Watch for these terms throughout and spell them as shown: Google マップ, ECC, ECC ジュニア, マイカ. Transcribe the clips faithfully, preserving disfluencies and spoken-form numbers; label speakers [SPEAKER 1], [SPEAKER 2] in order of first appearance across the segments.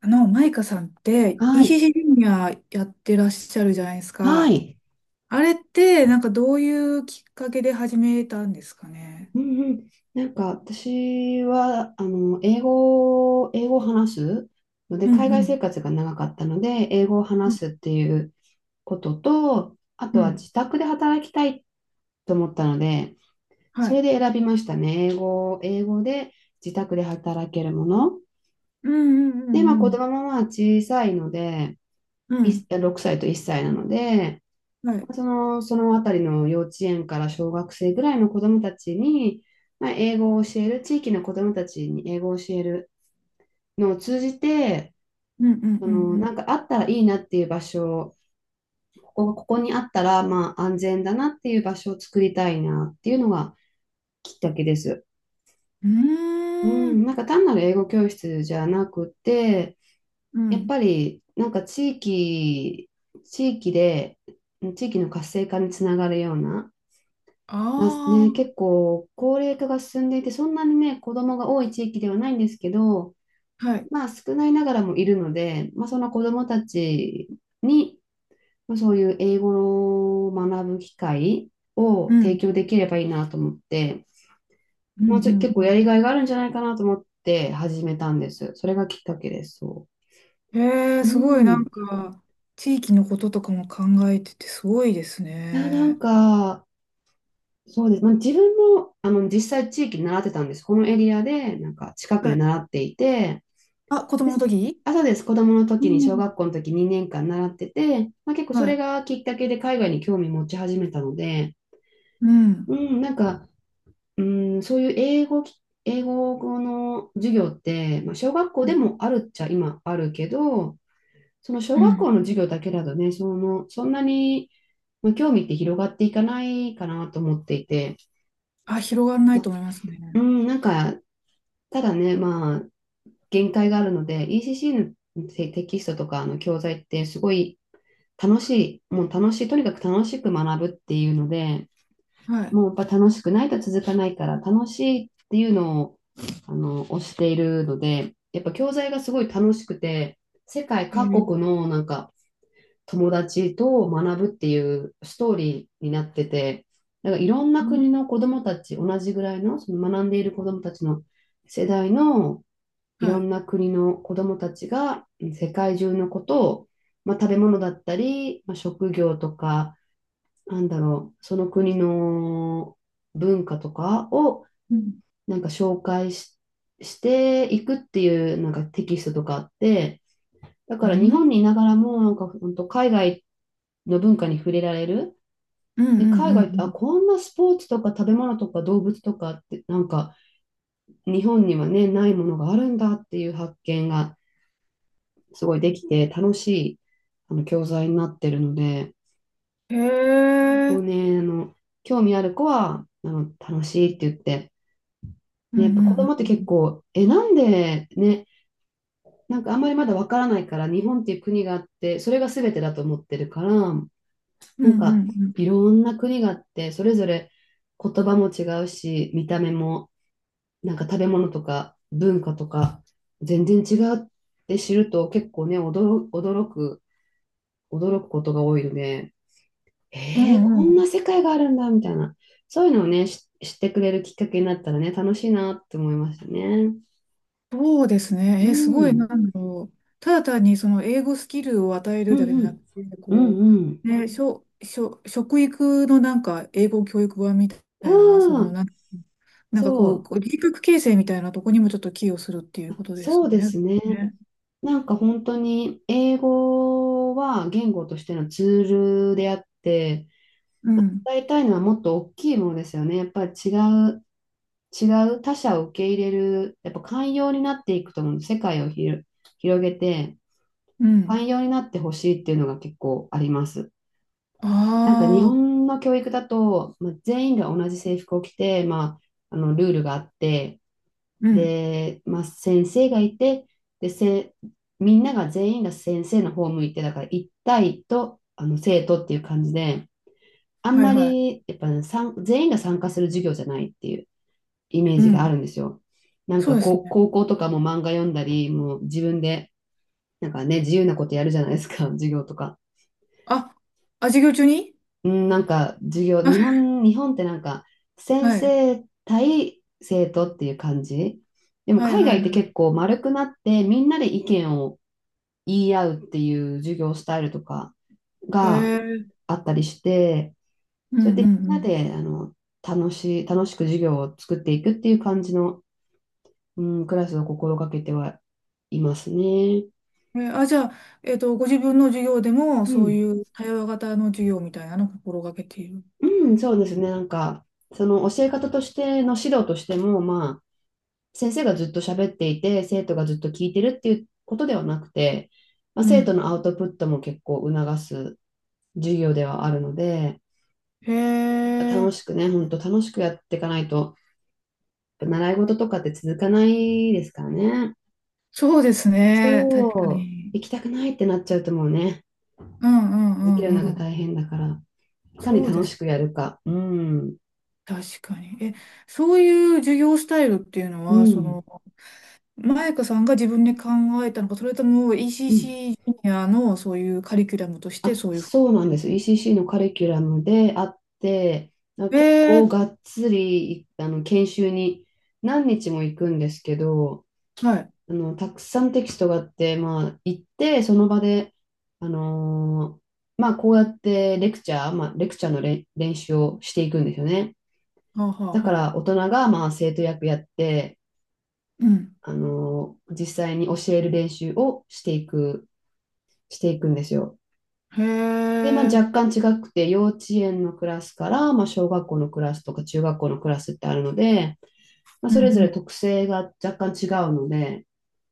[SPEAKER 1] あの、マイカさんって、
[SPEAKER 2] は
[SPEAKER 1] イ c
[SPEAKER 2] い。
[SPEAKER 1] c ジュニアやってらっしゃるじゃないです
[SPEAKER 2] は
[SPEAKER 1] か。
[SPEAKER 2] い。
[SPEAKER 1] あれって、なんかどういうきっかけで始めたんですかね？
[SPEAKER 2] うんうん、なんか私はあの英語、英語を話すので、
[SPEAKER 1] うん
[SPEAKER 2] 海
[SPEAKER 1] う
[SPEAKER 2] 外
[SPEAKER 1] ん。
[SPEAKER 2] 生活が長かったので英語を
[SPEAKER 1] う
[SPEAKER 2] 話
[SPEAKER 1] ん
[SPEAKER 2] すっていうことと、あ
[SPEAKER 1] う
[SPEAKER 2] とは
[SPEAKER 1] ん。
[SPEAKER 2] 自宅で働きたいと思ったので、
[SPEAKER 1] は
[SPEAKER 2] それ
[SPEAKER 1] い。
[SPEAKER 2] で選びましたね。英語、英語で自宅で働けるもの。
[SPEAKER 1] うんう
[SPEAKER 2] で、まあ、
[SPEAKER 1] んう
[SPEAKER 2] 子
[SPEAKER 1] ん
[SPEAKER 2] 供もまあ小さいので、
[SPEAKER 1] うん。う
[SPEAKER 2] い
[SPEAKER 1] ん。
[SPEAKER 2] ろくさいといっさいなので、
[SPEAKER 1] はい。
[SPEAKER 2] その、そのあたりの幼稚園から小学生ぐらいの子どもたちに、まあ、英語を教える、地域の子どもたちに英語を教えるのを通じて、
[SPEAKER 1] うんうん
[SPEAKER 2] そ
[SPEAKER 1] う
[SPEAKER 2] の、な
[SPEAKER 1] ん
[SPEAKER 2] んかあったらいいなっていう場所、ここ、ここにあったら、まあ、安全だなっていう場所を作りたいなっていうのがきっかけです。
[SPEAKER 1] う
[SPEAKER 2] う
[SPEAKER 1] ん。うー
[SPEAKER 2] ん、
[SPEAKER 1] ん。
[SPEAKER 2] なんか単なる英語教室じゃなくて、
[SPEAKER 1] う
[SPEAKER 2] やっ
[SPEAKER 1] ん。
[SPEAKER 2] ぱりなんか地域、地域で、地域の活性化につながるような、
[SPEAKER 1] あ
[SPEAKER 2] まあね、結構高齢化が進んでいて、そんなにね、子供が多い地域ではないんですけど、
[SPEAKER 1] あ。はい。
[SPEAKER 2] まあ少ないながらもいるので、まあその子供たちに、まあ、そういう英語を学ぶ機会
[SPEAKER 1] う
[SPEAKER 2] を提
[SPEAKER 1] ん。
[SPEAKER 2] 供できればいいなと思って、
[SPEAKER 1] う
[SPEAKER 2] ま
[SPEAKER 1] ん
[SPEAKER 2] あちょ結
[SPEAKER 1] う
[SPEAKER 2] 構やり
[SPEAKER 1] ん
[SPEAKER 2] がいがあるんじゃないかなと思って始めたんです。それがきっかけです。そ
[SPEAKER 1] うん。へえ、
[SPEAKER 2] う。
[SPEAKER 1] すごい
[SPEAKER 2] う
[SPEAKER 1] なん
[SPEAKER 2] ん。
[SPEAKER 1] か、地域のこととかも考えててすごいです
[SPEAKER 2] いや、なん
[SPEAKER 1] ね。
[SPEAKER 2] か、そうです。まあ、自分も、あの、実際地域で習ってたんです。このエリアで、なんか近く
[SPEAKER 1] は
[SPEAKER 2] で
[SPEAKER 1] い。
[SPEAKER 2] 習っていて、
[SPEAKER 1] あ、子
[SPEAKER 2] で
[SPEAKER 1] 供の
[SPEAKER 2] す。
[SPEAKER 1] 時。
[SPEAKER 2] あ、そうです。子供の
[SPEAKER 1] う
[SPEAKER 2] 時に、小
[SPEAKER 1] ん。
[SPEAKER 2] 学校の時にねんかん習ってて、まあ、結構そ
[SPEAKER 1] は
[SPEAKER 2] れ
[SPEAKER 1] い。
[SPEAKER 2] がきっかけで海外に興味持ち始めたので、
[SPEAKER 1] うん。
[SPEAKER 2] うん、なんか、うん、そういう英語き、英語の授業って、まあ、小学校
[SPEAKER 1] う
[SPEAKER 2] で
[SPEAKER 1] ん。
[SPEAKER 2] もあるっちゃ今あるけど、その小学校の授業だけだとね、その、そんなに、まあ、興味って広がっていかないかなと思っていて、
[SPEAKER 1] あ、広がらな
[SPEAKER 2] ま
[SPEAKER 1] い
[SPEAKER 2] あ
[SPEAKER 1] と思います
[SPEAKER 2] う
[SPEAKER 1] ね。
[SPEAKER 2] ん、なんか、ただね、まあ、限界があるので、イーシーシー のテテキストとかの教材ってすごい楽しい、もう楽しい、とにかく楽しく学ぶっていうので、
[SPEAKER 1] はい。
[SPEAKER 2] もうやっぱ楽しくないと続かないから、楽しいっていうのを、あの、推しているので、やっぱ教材がすごい楽しくて、世界各国
[SPEAKER 1] へ。
[SPEAKER 2] のなんか友達と学ぶっていうストーリーになってて、なんかいろん
[SPEAKER 1] う
[SPEAKER 2] な
[SPEAKER 1] ん。
[SPEAKER 2] 国の子どもたち、同じぐらいの、その学んでいる子どもたちの世代のい
[SPEAKER 1] は
[SPEAKER 2] ろ
[SPEAKER 1] い。
[SPEAKER 2] んな国の子どもたちが世界中のことを、まあ、食べ物だったり、まあ、職業とか、なんだろう、その国の文化とかを
[SPEAKER 1] うん
[SPEAKER 2] なんか紹介し、していくっていうなんかテキストとかあって、だ
[SPEAKER 1] う
[SPEAKER 2] から日本
[SPEAKER 1] ん。
[SPEAKER 2] にいながらもなんか本当海外の文化に触れられる。
[SPEAKER 1] うんう
[SPEAKER 2] で、海
[SPEAKER 1] ん
[SPEAKER 2] 外って、
[SPEAKER 1] う
[SPEAKER 2] あ、
[SPEAKER 1] ん
[SPEAKER 2] こんなスポーツとか食べ物とか動物とかってなんか日本にはね、ないものがあるんだっていう発見がすごいできて楽しいあの教材になってるので、
[SPEAKER 1] うん。
[SPEAKER 2] 結
[SPEAKER 1] へ
[SPEAKER 2] 構
[SPEAKER 1] え。
[SPEAKER 2] ね、あの、興味ある子は、あの、楽しいって言って、
[SPEAKER 1] うん
[SPEAKER 2] ね、
[SPEAKER 1] う
[SPEAKER 2] やっぱ子
[SPEAKER 1] ん
[SPEAKER 2] 供って
[SPEAKER 1] う
[SPEAKER 2] 結
[SPEAKER 1] ん。
[SPEAKER 2] 構、え、なんでね、なんかあんまりまだわからないから、日本っていう国があって、それが全てだと思ってるから、
[SPEAKER 1] う
[SPEAKER 2] なん
[SPEAKER 1] んう
[SPEAKER 2] か
[SPEAKER 1] んうん。
[SPEAKER 2] いろんな国があって、それぞれ言葉も違うし、見た目も、なんか食べ物とか文化とか、全然違うって知ると結構ね、驚、驚く、驚くことが多いので、
[SPEAKER 1] う
[SPEAKER 2] えー
[SPEAKER 1] ん
[SPEAKER 2] こ
[SPEAKER 1] う
[SPEAKER 2] ん
[SPEAKER 1] ん。
[SPEAKER 2] な世界があるんだ、みたいな。そういうのをね、し知ってくれるきっかけになったらね、楽しいなって思いましたね。
[SPEAKER 1] そうですね。
[SPEAKER 2] う
[SPEAKER 1] えー、すごい、な
[SPEAKER 2] ん。
[SPEAKER 1] んだろう。ただ単にその英語スキルを与え
[SPEAKER 2] う
[SPEAKER 1] るだけじ
[SPEAKER 2] ん
[SPEAKER 1] ゃ
[SPEAKER 2] う
[SPEAKER 1] なく
[SPEAKER 2] ん。
[SPEAKER 1] て、
[SPEAKER 2] う
[SPEAKER 1] こ
[SPEAKER 2] んうん。
[SPEAKER 1] う、ね、しょ、しょ、食育のなんか英語教育版みた
[SPEAKER 2] あ
[SPEAKER 1] いな、その、
[SPEAKER 2] あ、
[SPEAKER 1] なん、なんか
[SPEAKER 2] そ
[SPEAKER 1] こう、
[SPEAKER 2] う。
[SPEAKER 1] こう人格形成みたいなとこにもちょっと寄与するっていうことで
[SPEAKER 2] そ
[SPEAKER 1] す
[SPEAKER 2] う
[SPEAKER 1] よ
[SPEAKER 2] で
[SPEAKER 1] ね。
[SPEAKER 2] すね。
[SPEAKER 1] ね。
[SPEAKER 2] なんか本当に英語は言語としてのツールであって、
[SPEAKER 1] うん。
[SPEAKER 2] 伝えたいのはもっと大きいものですよね。やっぱり違う、違う他者を受け入れる、やっぱ寛容になっていくと思う。世界をひろ広げて、
[SPEAKER 1] うん。
[SPEAKER 2] 寛容になってほしいっていうのが結構あります。なんか日
[SPEAKER 1] ああ、
[SPEAKER 2] 本の教育だと、まあ、全員が同じ制服を着て、まあ、あのルールがあって、
[SPEAKER 1] うん。
[SPEAKER 2] で、まあ、先生がいて、で、せ、みんなが全員が先生の方を向いて、だから一対とあの生徒っていう感じで、あん
[SPEAKER 1] はい
[SPEAKER 2] ま
[SPEAKER 1] はい。
[SPEAKER 2] りやっぱ、ね、参全員が参加する授業じゃないっていうイメー
[SPEAKER 1] う
[SPEAKER 2] ジがあ
[SPEAKER 1] ん。
[SPEAKER 2] るんですよ。なん
[SPEAKER 1] そう
[SPEAKER 2] か
[SPEAKER 1] ですね。
[SPEAKER 2] こう高校とかも漫画読んだり、もう自分でなんかね、自由なことやるじゃないですか、授業とか。
[SPEAKER 1] あ、あ、授業中に
[SPEAKER 2] うん、なんか授業、日 本、日本ってなんか先
[SPEAKER 1] はい。
[SPEAKER 2] 生対生徒っていう感じ。でも
[SPEAKER 1] はい
[SPEAKER 2] 海
[SPEAKER 1] はい
[SPEAKER 2] 外って
[SPEAKER 1] は
[SPEAKER 2] 結構丸くなってみんなで意見を言い合うっていう授業スタイルとか
[SPEAKER 1] い。へ
[SPEAKER 2] が
[SPEAKER 1] え。
[SPEAKER 2] あったりして、
[SPEAKER 1] うん
[SPEAKER 2] それでみん
[SPEAKER 1] う
[SPEAKER 2] な
[SPEAKER 1] ん
[SPEAKER 2] であの楽しい、楽しく授業を作っていくっていう感じの、うん、クラスを心がけてはいますね。
[SPEAKER 1] うん。え、あ、じゃあ、えっと、ご自分の授業でも、
[SPEAKER 2] う
[SPEAKER 1] そうい
[SPEAKER 2] ん、
[SPEAKER 1] う対話型の授業みたいなのを心がけている。
[SPEAKER 2] うん、そうですね。なんかその教え方としての指導としても、まあ先生がずっと喋っていて、生徒がずっと聞いてるっていうことではなくて、まあ、
[SPEAKER 1] う
[SPEAKER 2] 生徒
[SPEAKER 1] ん。
[SPEAKER 2] のアウトプットも結構促す授業ではあるので、
[SPEAKER 1] へ
[SPEAKER 2] 楽
[SPEAKER 1] え。
[SPEAKER 2] しくね、本当楽しくやっていかないと、習い事とかって続かないですからね。
[SPEAKER 1] そうです
[SPEAKER 2] そ
[SPEAKER 1] ね。確か
[SPEAKER 2] う、
[SPEAKER 1] に。
[SPEAKER 2] 行きたくないってなっちゃうともうね、
[SPEAKER 1] うんう
[SPEAKER 2] 続ける
[SPEAKER 1] ん
[SPEAKER 2] の
[SPEAKER 1] うんう
[SPEAKER 2] が
[SPEAKER 1] ん。
[SPEAKER 2] 大変だから、いかに
[SPEAKER 1] そうで
[SPEAKER 2] 楽し
[SPEAKER 1] す。
[SPEAKER 2] くやるか。うん、
[SPEAKER 1] 確かに。え、そういう授業スタイルっていうの
[SPEAKER 2] う
[SPEAKER 1] は、そ
[SPEAKER 2] ん、
[SPEAKER 1] の、マイカさんが自分で考えたのか、それとも
[SPEAKER 2] うん。
[SPEAKER 1] イーシーシー ジュニアのそういうカリキュラムとして
[SPEAKER 2] あ、
[SPEAKER 1] そういうふ
[SPEAKER 2] そうなん
[SPEAKER 1] う
[SPEAKER 2] で
[SPEAKER 1] に。
[SPEAKER 2] す。イーシーシー のカリキュラムであって、あ
[SPEAKER 1] え
[SPEAKER 2] 結構
[SPEAKER 1] ー
[SPEAKER 2] がっつりあの研修に何日も行くんですけど、
[SPEAKER 1] はい。
[SPEAKER 2] あのたくさんテキストがあって、まあ、行って、その場で、あのーまあ、こうやってレクチャー、まあ、レクチャーのれ練習をしていくんですよね。
[SPEAKER 1] はあ、はあ、
[SPEAKER 2] だか
[SPEAKER 1] は
[SPEAKER 2] ら
[SPEAKER 1] あ。
[SPEAKER 2] 大人が、まあ、生徒役やって、
[SPEAKER 1] うん。
[SPEAKER 2] あのー実際に教える練習をしていく、していくんですよ。
[SPEAKER 1] へ
[SPEAKER 2] で、まあ、
[SPEAKER 1] え。
[SPEAKER 2] 若干違くて、幼稚園のクラスから、まあ、小学校のクラスとか中学校のクラスってあるので、まあ、
[SPEAKER 1] うん
[SPEAKER 2] そ
[SPEAKER 1] う
[SPEAKER 2] れぞれ
[SPEAKER 1] ん。
[SPEAKER 2] 特性が若干違うので、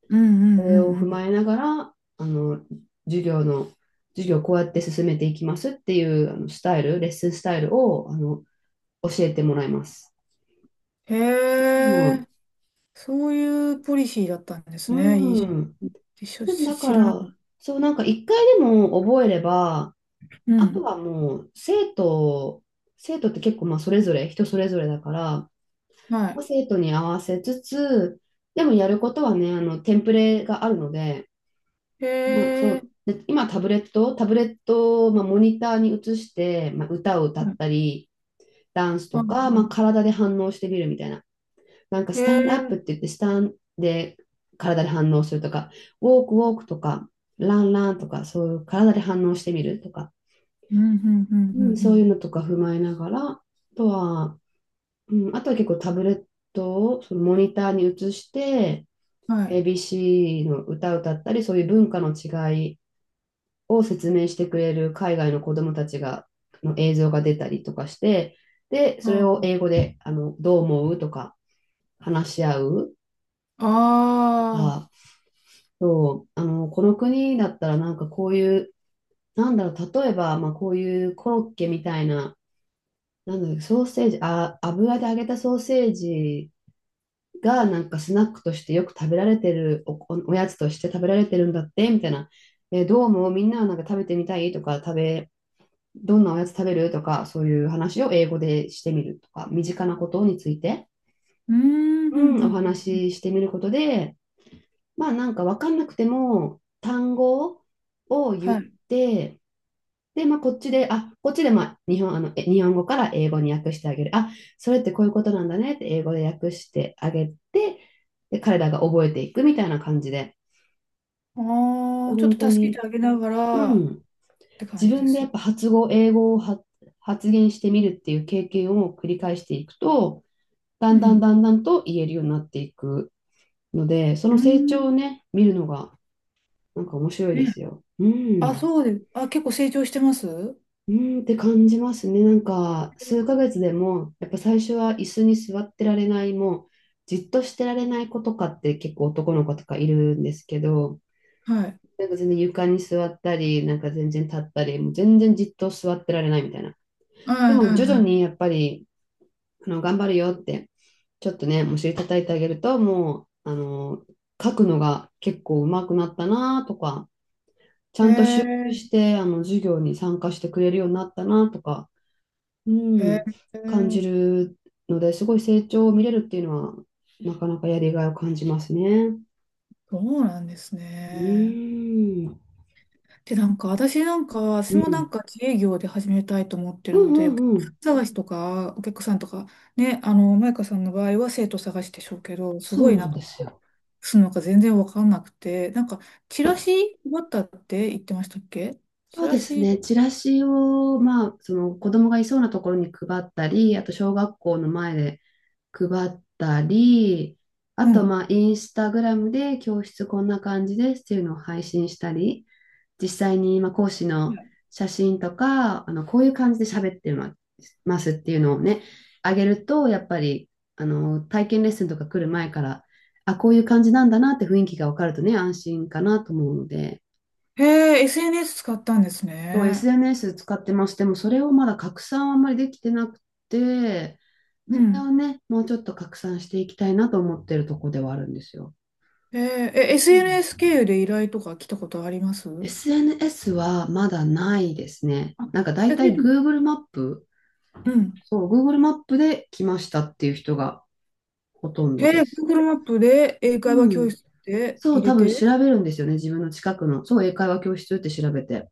[SPEAKER 1] うんう
[SPEAKER 2] そ
[SPEAKER 1] んう
[SPEAKER 2] れを
[SPEAKER 1] んう
[SPEAKER 2] 踏ま
[SPEAKER 1] ん。
[SPEAKER 2] えながら、あの、授業の、授業をこうやって進めていきますっていうあのスタイル、レッスンスタイルを、あの、教えてもらいます。
[SPEAKER 1] へ
[SPEAKER 2] う
[SPEAKER 1] え。
[SPEAKER 2] ん。
[SPEAKER 1] そういうポリシーだったんですね。
[SPEAKER 2] うん。
[SPEAKER 1] イーシーシー
[SPEAKER 2] で
[SPEAKER 1] し
[SPEAKER 2] も
[SPEAKER 1] しし
[SPEAKER 2] だか
[SPEAKER 1] 知らなかっ
[SPEAKER 2] ら、
[SPEAKER 1] た。
[SPEAKER 2] そう、なんか一回でも覚えれば、
[SPEAKER 1] う
[SPEAKER 2] あと
[SPEAKER 1] ん。
[SPEAKER 2] はもう生徒、生徒って結構まあそれぞれ、人それぞれだから、
[SPEAKER 1] はい。
[SPEAKER 2] 生徒に合わせつつ、でもやることはね、あの、テンプレがあるので、まあ、そ
[SPEAKER 1] へ
[SPEAKER 2] う、
[SPEAKER 1] え。
[SPEAKER 2] で、今タブレット、タブレットを、まあ、モニターに移して、まあ、歌を歌
[SPEAKER 1] は
[SPEAKER 2] っ
[SPEAKER 1] い。
[SPEAKER 2] たり、ダンス
[SPEAKER 1] あ
[SPEAKER 2] とか、まあ、
[SPEAKER 1] あ。
[SPEAKER 2] 体で反応してみるみたいな。なんか、
[SPEAKER 1] へ
[SPEAKER 2] スタンドアップって言
[SPEAKER 1] え。
[SPEAKER 2] って、スタンで体で反応するとか、ウォークウォークとか、ランランとか、そういう体で反応してみるとか、
[SPEAKER 1] うんうんうんう
[SPEAKER 2] うん、そういうのと
[SPEAKER 1] ん
[SPEAKER 2] か踏まえながら、あとは、うん、あとは結構タブレットをそのモニターに移して、
[SPEAKER 1] うん。はい。
[SPEAKER 2] エービーシー の歌を歌ったり、そういう文化の違いを説明してくれる海外の子どもたちがの映像が出たりとかして、で、それを
[SPEAKER 1] あ
[SPEAKER 2] 英語であのどう思うとか話し合う
[SPEAKER 1] あ。
[SPEAKER 2] と
[SPEAKER 1] ああ。
[SPEAKER 2] か、そうあのこの国だったらなんかこういう、なんだろう、例えば、まあ、こういうコロッケみたいな、なんだろう、ソーセージ、あ、油で揚げたソーセージがなんかスナックとしてよく食べられてるお、おおやつとして食べられてるんだってみたいな、えーどうもみんななんか食べてみたいとか食べ、どんなおやつ食べるとかそういう話を英語でしてみるとか身近なことについて、
[SPEAKER 1] うんうん
[SPEAKER 2] うん、
[SPEAKER 1] う
[SPEAKER 2] お
[SPEAKER 1] んうん。
[SPEAKER 2] 話ししてみることで、まあ、なんか分かんなくても単語を言っ
[SPEAKER 1] はい。
[SPEAKER 2] て、で、まあ、こっちで、あ、こっちで、まあ、日本、あの、え日本語から英語に訳してあげる。あ、それってこういうことなんだねって英語で訳してあげて、で、彼らが覚えていくみたいな感じで、
[SPEAKER 1] ああ、ちょっ
[SPEAKER 2] 本
[SPEAKER 1] と
[SPEAKER 2] 当
[SPEAKER 1] 助けて
[SPEAKER 2] に、
[SPEAKER 1] あげなが
[SPEAKER 2] う
[SPEAKER 1] らっ
[SPEAKER 2] ん、
[SPEAKER 1] て感
[SPEAKER 2] 自
[SPEAKER 1] じで
[SPEAKER 2] 分で
[SPEAKER 1] す
[SPEAKER 2] やっ
[SPEAKER 1] よ。
[SPEAKER 2] ぱ発語、英語を発発言してみるっていう経験を繰り返していくと、だん
[SPEAKER 1] う
[SPEAKER 2] だん
[SPEAKER 1] ん。
[SPEAKER 2] だんだんと言えるようになっていくので、そ
[SPEAKER 1] う
[SPEAKER 2] の成長を
[SPEAKER 1] ん。
[SPEAKER 2] ね、見るのが、なんか面白いで
[SPEAKER 1] ね。
[SPEAKER 2] すよ。う
[SPEAKER 1] あ、
[SPEAKER 2] ん。
[SPEAKER 1] そうです。あ、結構成長してます。はい。
[SPEAKER 2] うーんって感じますね。なんか、数ヶ月でも、やっぱ最初は椅子に座ってられない、もう、じっとしてられない子とかって結構男の子とかいるんですけど、
[SPEAKER 1] はい
[SPEAKER 2] なんか全然床に座ったり、なんか全然立ったり、もう全然じっと座ってられないみたいな。
[SPEAKER 1] は
[SPEAKER 2] で
[SPEAKER 1] い
[SPEAKER 2] も徐々
[SPEAKER 1] は
[SPEAKER 2] にやっぱり、あの、頑張るよって、ちょっとね、お尻叩いてあげると、もう、あの、書くのが結構上手くなったなとか、ち
[SPEAKER 1] い。へ
[SPEAKER 2] ゃんと集中
[SPEAKER 1] え、
[SPEAKER 2] して、あの、授業に参加してくれるようになったなとか、う
[SPEAKER 1] へ
[SPEAKER 2] ん、
[SPEAKER 1] え、
[SPEAKER 2] 感じるので、すごい成長を見れるっていうのは、なかなかやりがいを感じますね。
[SPEAKER 1] そうなんです
[SPEAKER 2] う
[SPEAKER 1] ね。
[SPEAKER 2] ーん、
[SPEAKER 1] で、なんか、私なんか、私
[SPEAKER 2] う
[SPEAKER 1] もな
[SPEAKER 2] ん、
[SPEAKER 1] んか自営業で始めたいと思って
[SPEAKER 2] う
[SPEAKER 1] るの
[SPEAKER 2] んう
[SPEAKER 1] で、お客
[SPEAKER 2] んうん、
[SPEAKER 1] さん探しとか、お客さんとか、ね、あの、マイカさんの場合は生徒探しでしょうけど、す
[SPEAKER 2] そ
[SPEAKER 1] ご
[SPEAKER 2] う
[SPEAKER 1] いな
[SPEAKER 2] な
[SPEAKER 1] ん
[SPEAKER 2] ん
[SPEAKER 1] か、
[SPEAKER 2] ですよ。
[SPEAKER 1] するのか全然わかんなくて、なんか、チラシ配ったって言ってましたっけ？チ
[SPEAKER 2] そう
[SPEAKER 1] ラ
[SPEAKER 2] です
[SPEAKER 1] シ、
[SPEAKER 2] ね、チラシを、まあ、その子供がいそうなところに配ったり、あと小学校の前で配ったり、あ
[SPEAKER 1] う
[SPEAKER 2] と、
[SPEAKER 1] ん。
[SPEAKER 2] まあ、インスタグラムで教室こんな感じですっていうのを配信したり、実際に、まあ、講師
[SPEAKER 1] は
[SPEAKER 2] の
[SPEAKER 1] い。
[SPEAKER 2] 写真とか、あの、こういう感じで喋ってまますっていうのをね、あげると、やっぱり、あの、体験レッスンとか来る前から、あ、こういう感じなんだなって雰囲気が分かるとね、安心かなと思うので、
[SPEAKER 1] へえ、エスエヌエス 使ったんです
[SPEAKER 2] そう、
[SPEAKER 1] ね。
[SPEAKER 2] エスエヌエス 使ってます。でも、それをまだ拡散はあんまりできてなくて、
[SPEAKER 1] う
[SPEAKER 2] それ
[SPEAKER 1] ん。
[SPEAKER 2] をね、もうちょっと拡散していきたいなと思ってるとこではあるんですよ。
[SPEAKER 1] へえ、え
[SPEAKER 2] う
[SPEAKER 1] エスエヌエス
[SPEAKER 2] ん、
[SPEAKER 1] 経由で依頼とか来たことあります？
[SPEAKER 2] エスエヌエス はまだないですね。
[SPEAKER 1] あ、
[SPEAKER 2] なんかだい
[SPEAKER 1] え、
[SPEAKER 2] た
[SPEAKER 1] で、
[SPEAKER 2] い Google マップ、
[SPEAKER 1] うん。
[SPEAKER 2] そう、Google マップで来ましたっていう人がほとん
[SPEAKER 1] へ
[SPEAKER 2] ど
[SPEAKER 1] え、
[SPEAKER 2] です。
[SPEAKER 1] Google マップで英会話
[SPEAKER 2] う
[SPEAKER 1] 教
[SPEAKER 2] ん。
[SPEAKER 1] 室で
[SPEAKER 2] そ
[SPEAKER 1] 入
[SPEAKER 2] う、
[SPEAKER 1] れ
[SPEAKER 2] 多分調
[SPEAKER 1] て、
[SPEAKER 2] べるんですよね。自分の近くの。そう、英会話教室って調べて。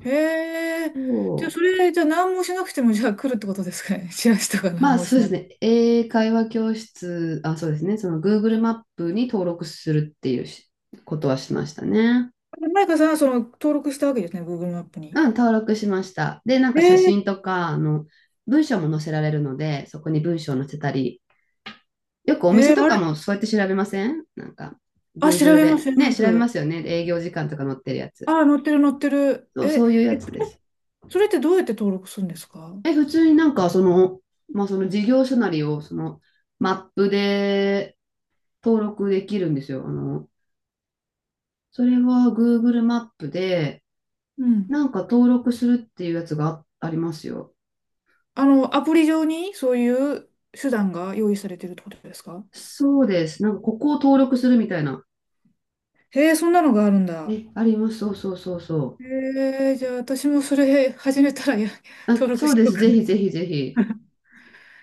[SPEAKER 1] へえ。じゃあ、
[SPEAKER 2] そ
[SPEAKER 1] そ
[SPEAKER 2] う。
[SPEAKER 1] れ、じゃあ何もしなくても、じゃあ来るってことですかね？チラシとか何
[SPEAKER 2] まあ
[SPEAKER 1] も
[SPEAKER 2] そ
[SPEAKER 1] し
[SPEAKER 2] うで
[SPEAKER 1] な
[SPEAKER 2] す
[SPEAKER 1] い。
[SPEAKER 2] ね。英会話教室、あ、そうですね。その Google マップに登録するっていうしことはしましたね。
[SPEAKER 1] マイカさんはその登録したわけですね、Google マップ
[SPEAKER 2] う
[SPEAKER 1] に。
[SPEAKER 2] ん、登録しました。で、なん
[SPEAKER 1] え
[SPEAKER 2] か写
[SPEAKER 1] ー、
[SPEAKER 2] 真とか、あの、文章も載せられるので、そこに文章を載せたり、よくお店
[SPEAKER 1] えー、
[SPEAKER 2] と
[SPEAKER 1] あ
[SPEAKER 2] か
[SPEAKER 1] れ、
[SPEAKER 2] もそうやって調べませんなんか、
[SPEAKER 1] あ、調
[SPEAKER 2] Google
[SPEAKER 1] べます、
[SPEAKER 2] で。
[SPEAKER 1] 調べ
[SPEAKER 2] ね、
[SPEAKER 1] ま
[SPEAKER 2] 調べま
[SPEAKER 1] す。
[SPEAKER 2] すよね。営業時間とか載ってるやつ。
[SPEAKER 1] あ、載ってる、載ってる。
[SPEAKER 2] そ
[SPEAKER 1] え、
[SPEAKER 2] う、そ
[SPEAKER 1] え、
[SPEAKER 2] ういうやつ
[SPEAKER 1] そ
[SPEAKER 2] で
[SPEAKER 1] れ
[SPEAKER 2] す。
[SPEAKER 1] それってどうやって登録するんですか？
[SPEAKER 2] え、普通になんか、その、まあ、その事業所なりを、その、マップで登録できるんですよ。あの、それは Google マップで、
[SPEAKER 1] うん。
[SPEAKER 2] なんか登録するっていうやつがあありますよ。
[SPEAKER 1] あの、アプリ上にそういう手段が用意されてるってことですか？
[SPEAKER 2] そうです。なんか、ここを登録するみたいな。
[SPEAKER 1] へえ、そんなのがあるんだ。
[SPEAKER 2] え、あります。そうそうそうそう。
[SPEAKER 1] えー、じゃあ私もそれ始めたらや、
[SPEAKER 2] あ、
[SPEAKER 1] 登録
[SPEAKER 2] そ
[SPEAKER 1] し
[SPEAKER 2] うで
[SPEAKER 1] よう
[SPEAKER 2] す。
[SPEAKER 1] か
[SPEAKER 2] ぜひぜ
[SPEAKER 1] な。
[SPEAKER 2] ひぜひ。